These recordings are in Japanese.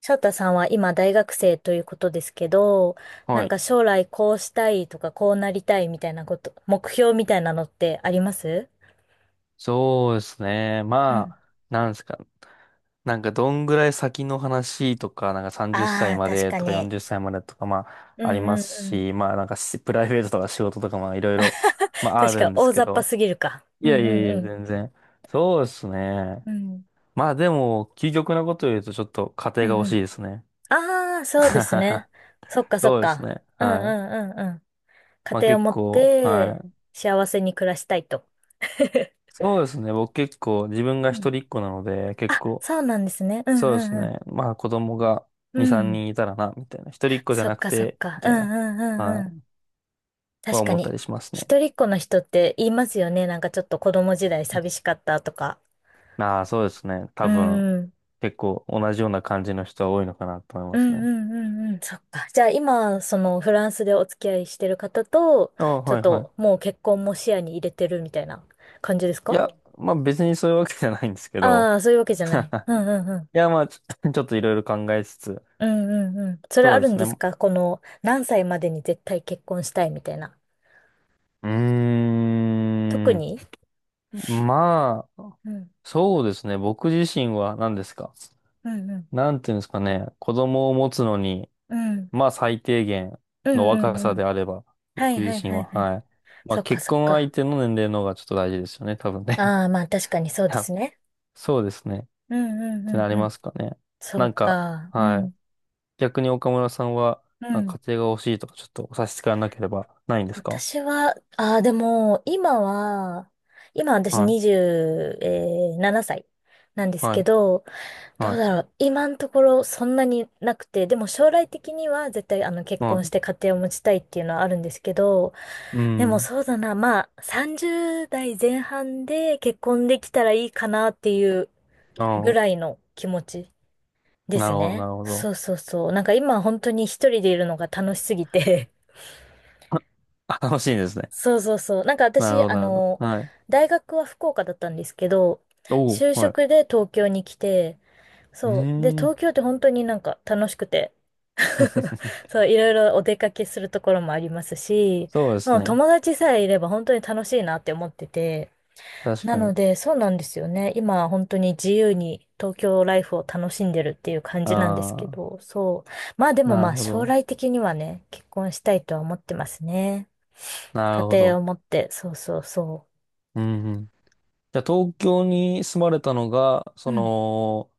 翔太さんは今大学生ということですけど、なはんい。か将来こうしたいとかこうなりたいみたいなこと、目標みたいなのってあります？そうですね。うまん。あ、なんですか。なんかどんぐらい先の話とか、なんか30あ歳あ、ま確でかとかに。40歳までとか、まうあ、ありんますうんうん。し、まあなんかしプライベートとか仕事とか、まあいろいろ、まああ確るかんです大け雑把ど。すぎるか。いうやいんやいうや、ん全然。そうですね。うん。うん。まあでも、究極なことを言うとちょっと家う庭がん欲うしん。いですね。ああ、そうですね。そっかそっそうですか。ね。うんうはい。んうんうん。家まあ庭を結持っ構、はてい。幸せに暮らしたいと。そうですね。僕結構自分がう一ん。人っ子なので、結あ、構、そうなんですね。うそうですんうんね。まあ子供がう2、ん。3うん。人いたらな、みたいな。一人っ子じゃそっなくかそって、か。みたういんな、うはんうい、ん。は確か思ったに。りしますね。一人っ子の人って言いますよね。なんかちょっと子供時代寂しかったとか。ああ、そうですね。う多ー分、ん。結構同じような感じの人は多いのかなと思いうますんね。うんうんうん。そっか。じゃあ今、そのフランスでお付き合いしてる方と、ああ、ちょはっいはとい。もう結婚も視野に入れてるみたいな感じですいか？や、まあ別にそういうわけじゃないんですけど。ああー、そういうわけじゃない。うんうんうん。いや、まあちょっといろいろ考えつつ、うんうんうん。それそあうでるんすですね。か？この何歳までに絶対結婚したいみたいな。う特ーん。に。まあ、うん。そうですね。僕自身は何ですか。うんうん。なんていうんですかね。子供を持つのに、うん。まあ最低限うのんう若んうさでん。あれば、はい僕は自い身はいは、はい。はい。まあそっか結そっ婚相か。手の年齢の方がちょっと大事ですよね、多分ね。ああ、まあ確かにそ ういでやすね。そうですね。っうんうんてうなんりうまん。すかね。そなんうか、か。うはい。ん逆に岡村さんは、うなんん。か家庭が欲しいとかちょっとお差し支えなければないんですか？私は、ああ、でも、今は、今私は27歳ななさいなんでい。すはけい。ど、どはうい。だろう。今のところそんなになくて、でも将来的には絶対結は婚しい。て家庭を持ちたいっていうのはあるんですけど、うでもん。そうだな、まあ30代前半で結婚できたらいいかなっていうぐあらいの気持ちあ、でなするほど、なね。るほそど。うそうそう。なんか今本当に一人でいるのが楽しすぎて。 あ、あ楽しいです ね。そうそうそう。なんかなるほ私、ど、なるほど。はい。大学は福岡だったんですけど、おお、就は職い。で東京に来て、うそう。で、ー東ん。京って本当になんか楽しくて。 そう、いろいろお出かけするところもありますし、そうでもすうね。友達さえいれば本当に楽しいなって思ってて、確なかのに。で、そうなんですよね。今、本当に自由に東京ライフを楽しんでるっていう感じなんですあけあ。ど、そう。まあでもなまるあほ将ど。来的にはね、結婚したいとは思ってますね。な家るほ庭ど。を持って、そうそうそうんうん。じゃあ、東京に住まれたのが、そう。うん。の、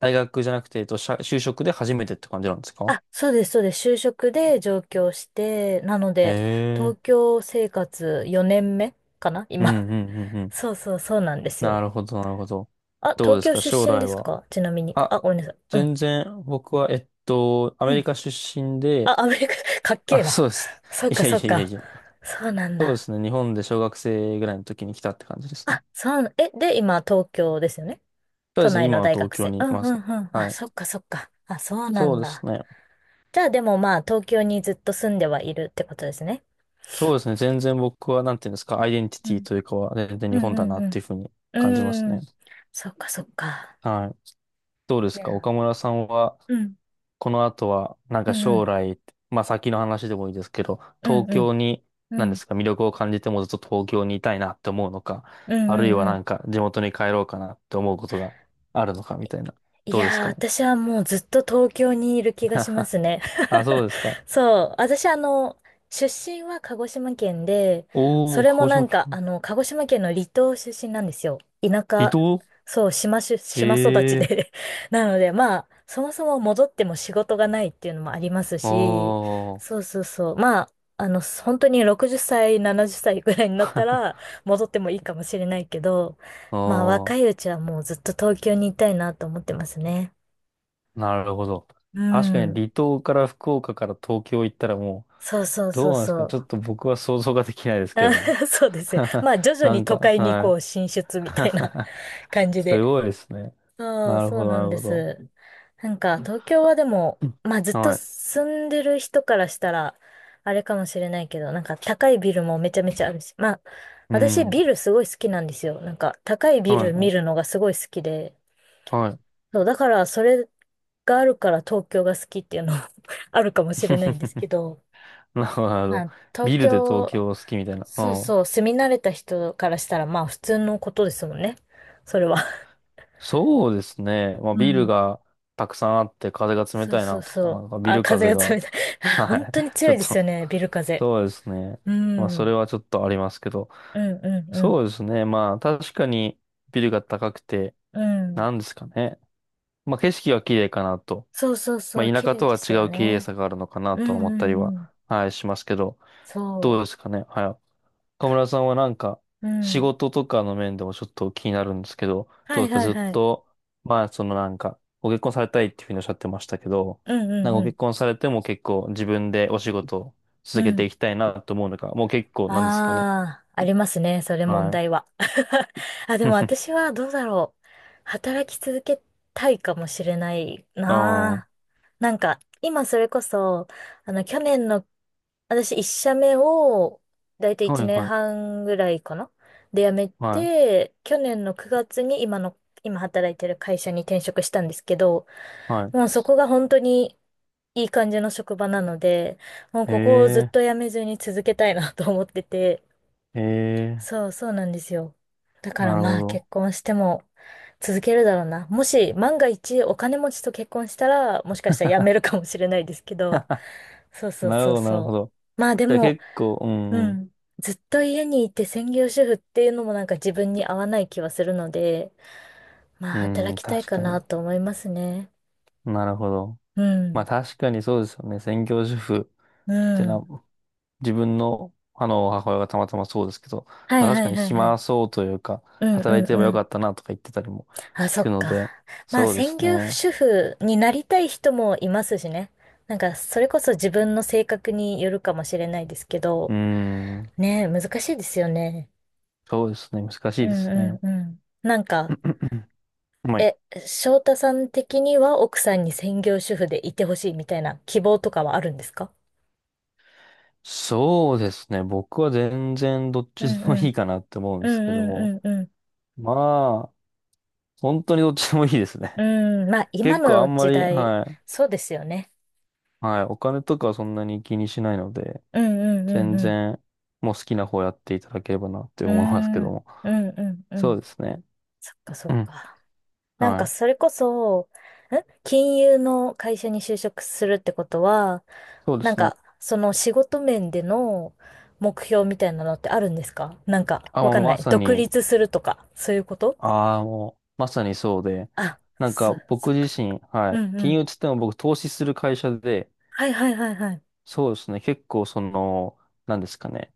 大学じゃなくて、えっと、就職で初めてって感じなんですか？あ、そうです、そうです。就職で上京して、なのえで、東え京生活4年目かなー。う今。んうんうんう ん。そうそう、そうなんですなよ。るほど、なるほど。あ、どう東です京か、将出身来ですは。か？ちなみに。あ、あ、ごめんなさい。うん。全然、僕は、えっと、アメリカ出身で、あ、アメリカ、かっけあ、えそうな。です。そ っいかやいそっやいやか。いや。そうなんそうでだ。すね。日本で小学生ぐらいの時に来たって感じですあ、ね。そう、で、今、東京ですよね。そう都ですね。内の今は大東学京生。にういんまうんす。うん。あ、はそっい。かそっか。あ、そうなそうんですだ。ね。じゃあ、でもまあ、東京にずっと住んではいるってことですね。そうですね。全然僕は、なんていうんですか、アイデンティうティん。というかは、全然う日ん本だうんなっていうふうにう感じますん。うーね。ん。そっかそっか。はい。どうでいすか岡や。村さんは、うん。この後は、なんうかんう将ん。来、まあ先の話でもいいですけど、う東んう京に、ん。うなんでん。すか、魅力を感じてもずっと東京にいたいなって思うのか、うんあるいうんはうなん。んか地元に帰ろうかなって思うことがあるのかみたいな。いどうですやー、かね。私はもうずっと東京にいる気がしま すね。あ、そうですか。そう、私出身は鹿児島県で、そおー、れ鹿も児な島んか、県、鹿児島県の離島出身なんですよ。田離舎、島そう、島育ちええで。 なので、まあ、そもそも戻っても仕事がないっていうのもありますー、あし、ー、そうそうそう。まあ、本当に60歳、70歳ぐらいになったら 戻ってもいいかもしれないけど、あまあ若いー。うちはもうずっと東京にいたいなと思ってますね。なるほど。う確かにん。離島から福岡から東京行ったらもう、そうそうどそううなんですかそね。ちょっう。と僕は想像ができないですけれども。あ。 そうですよ。まあ徐々なにん都か、会にはこい。う進出みたいな。 感 じすで。ごいですね。そう、なるそほうど、ななんるでほど。す。なんか東京はでも、うんまあずっとはい。住んでる人からしたら、あれかもしれないけど、なんか高いビルもめちゃめちゃあるし、まあう私ん。ビルすごい好きなんですよ。なんか高いはビルい、は見るい。のがすごい好きで。はい そう、だからそれがあるから東京が好きっていうのは、 あるかもしれないんですけ ど、なるほど、なるほまど。あ、東ビルで東京、京好きみたいな。うそうん。そう、住み慣れた人からしたらまあ普通のことですもんね。それは。そうですね。まあ、うビルん。がたくさんあって風が冷そうたいそうなとか、そなう。んかビあ、ル風風がが、冷たい。あ、は本い。当にち強ょっいですよとね、ビル風。そうですね。うまあ、ん。うそれんはちょっとありますけど。うんそううですね。まあ、確かにビルが高くて、ん。うん。なんですかね。まあ、景色は綺麗かなと。そうそうまそう、あ、綺田舎麗とではす違よう綺麗ね。さがあるのかなうとん思っうたりんは、うん。はい、しますけど。どうそですかね。はい。岡村さんはなんか、う。う仕ん。事とかの面でもちょっと気になるんですけど、はどういですかはいずっはい。と、まあ、そのなんか、ご結婚されたいっていうふうにおっしゃってましたけど、うんうなんんかごうん。結婚されても結構自分でお仕事をう続けてん。いきたいなと思うのか、もう結構なんですかね。ああ、ありますね。それ問はい。題は。あ、でも私 はどうだろう。働き続けたいかもしれないああ、なはあ。なんか、今それこそ、去年の、私一社目を、だいたいい1年はい、半ぐらいかなで辞めはい、て、去年の9月に今の、今働いてる会社に転職したんですけど、はい。もうそこが本当にいい感じの職場なので、もうへここをずっえ、とやめずに続けたいなと思ってて。へえ、そう、そうなんですよ。だかならるまほあど。結婚しても続けるだろうな。もし万が一お金持ちと結婚したら、もしかしたら辞めるかもしれないですけど。そうそうなるほそうど、なるほそど。う。まあでじゃあも、結構、ううんうん、ん。ずっと家にいて専業主婦っていうのもなんか自分に合わない気はするので、まあうん働うん、きたい確かかなに。と思いますね。なるほど。うまあん。確かにそうですよね。専業主婦。うてな、ん。自分の、あの、母親がたまたまそうですけど、はまあい確はかいにはいは暇い。そうというか、うんう働いてんればようかん。ったなとか言ってたりもあ、そ聞くっのか。で、まあ、そうで専す業ね。主婦になりたい人もいますしね。なんか、それこそ自分の性格によるかもしれないですけうど、ーん、ねえ、難しいですよね。そうですね。難しういでんすうね。んうん。なんか、まあ、え、翔太さん的には奥さんに専業主婦でいてほしいみたいな希望とかはあるんですか？そうですね。僕は全然どっうちんでもういいん。かなって思うんうですけども、んうんうんまあ、本当にどっちでもいいですうね。ん。うん、まあ、今結構あのんま時り、代、はい、そうですよね。はい、お金とかはそんなに気にしないので、うんうんうん全う然、もう好きな方やっていただければなって思いますけん。うーどん、も。うんうんうそうん。ですね。そっかそうっん。か。なんはかい。それこそ、ん金融の会社に就職するってことは、そうでなんすね。かその仕事面での目標みたいなのってあるんですか？なんかあ、わもかうんなまい。さ独に、立するとか、そういうこと。ああ、もう、まさにそうで、あ、なんそ、かそっ僕自かそっか。身、はうい。んう金ん。融つっても僕投資する会社で、はいはいはいはい。そうですね。結構その、なんですかね。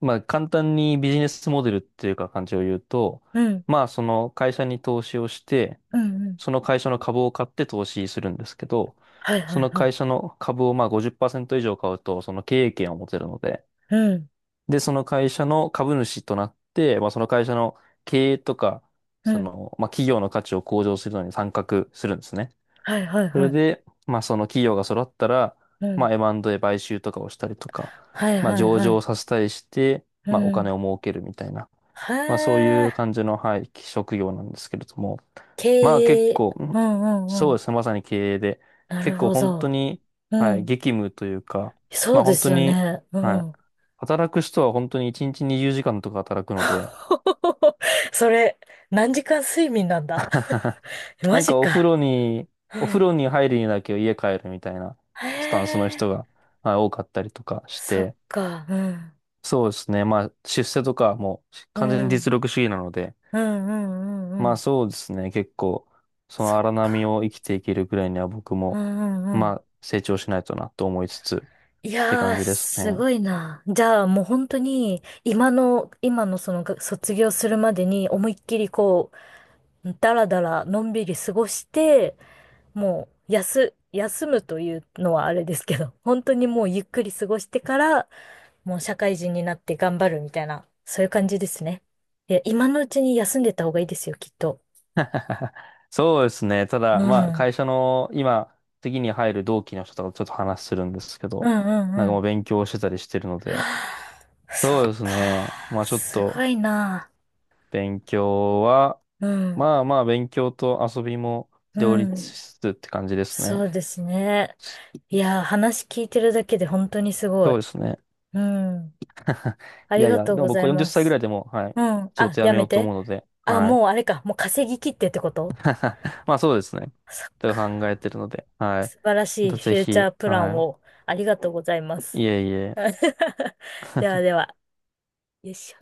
まあ簡単にビジネスモデルっていうか感じを言うと、うん。まあその会社に投資をして、うんうん。その会社の株を買って投資するんですけど、はいはそいのは会い。社の株をまあ50%以上買うと、その経営権を持てるので、うん。で、その会社の株主となって、まあ、その会社の経営とか、うそん。の、まあ、企業の価値を向上するのに参画するんですね。はいはいそはれい。で、まあ、その企業が揃ったら、うまん。あ、エムアンドで買収とかをしたりとか、はいまあ、はい上は場い。させたりして、うまあ、お金ん。を儲けるみたいな。へまあそういうえ。感じの、はい、職業なんですけれども、経まあ結営。構、うんうんうそうん。ですね、まさに経営で、なる結構ほ本当ど。に、うはい、ん。激務というか、そまうあで本当すよに、ね。うはい、ん。働く人は本当に1日20時間とか働くので、それ、何時間睡眠なんだ。 マなんジかお風か。呂に、うお風ん。呂に入るにだけ家帰るみたいなへスタンスのえ、人が、はい、多かったりとかしそって、か。うん。そうですね、まあ出世とかもうう完全にん。実力主義なので、うんうんうんまうあん。そうですね。結構、そそのっ荒波か。を生きていけるぐらいには僕うも、んうんうまん。あ成長しないとなと思いつつっいてや感ー、じですすね。ごいな。じゃあもう本当に、今のそのが卒業するまでに思いっきりこう、だらだらのんびり過ごして、もう、休むというのはあれですけど、本当にもうゆっくり過ごしてから、もう社会人になって頑張るみたいな、そういう感じですね。いや、今のうちに休んでた方がいいですよ、きっと。そうですね。たうだ、まあん。会社の今、次に入る同期の人とかちょっと話するんですけうど、んうなんんうかもうん。勉強してたりしてるので、そそうっですか。ね。まあちょっすごといな。勉強は、うん。まあまあ勉強と遊びも両う立ん。しつつって感じですね。そうですね。いや、話聞いてるだけで本当にすごそうい。ですね。うん。あいりやいがや、とうでもござ僕はい40ま歳ぐらす。いでも、はい、うん。仕あ、事辞やめよめうとて。思うので、あ、はもうい。あれか。もう稼ぎ切ってってこと？まあそうですね。そっと考えか。てるので、はい。素晴らましいたフぜューチャひ、ープランはを。ありがとうございます。い。いえいえ。ではでは、よいしょ。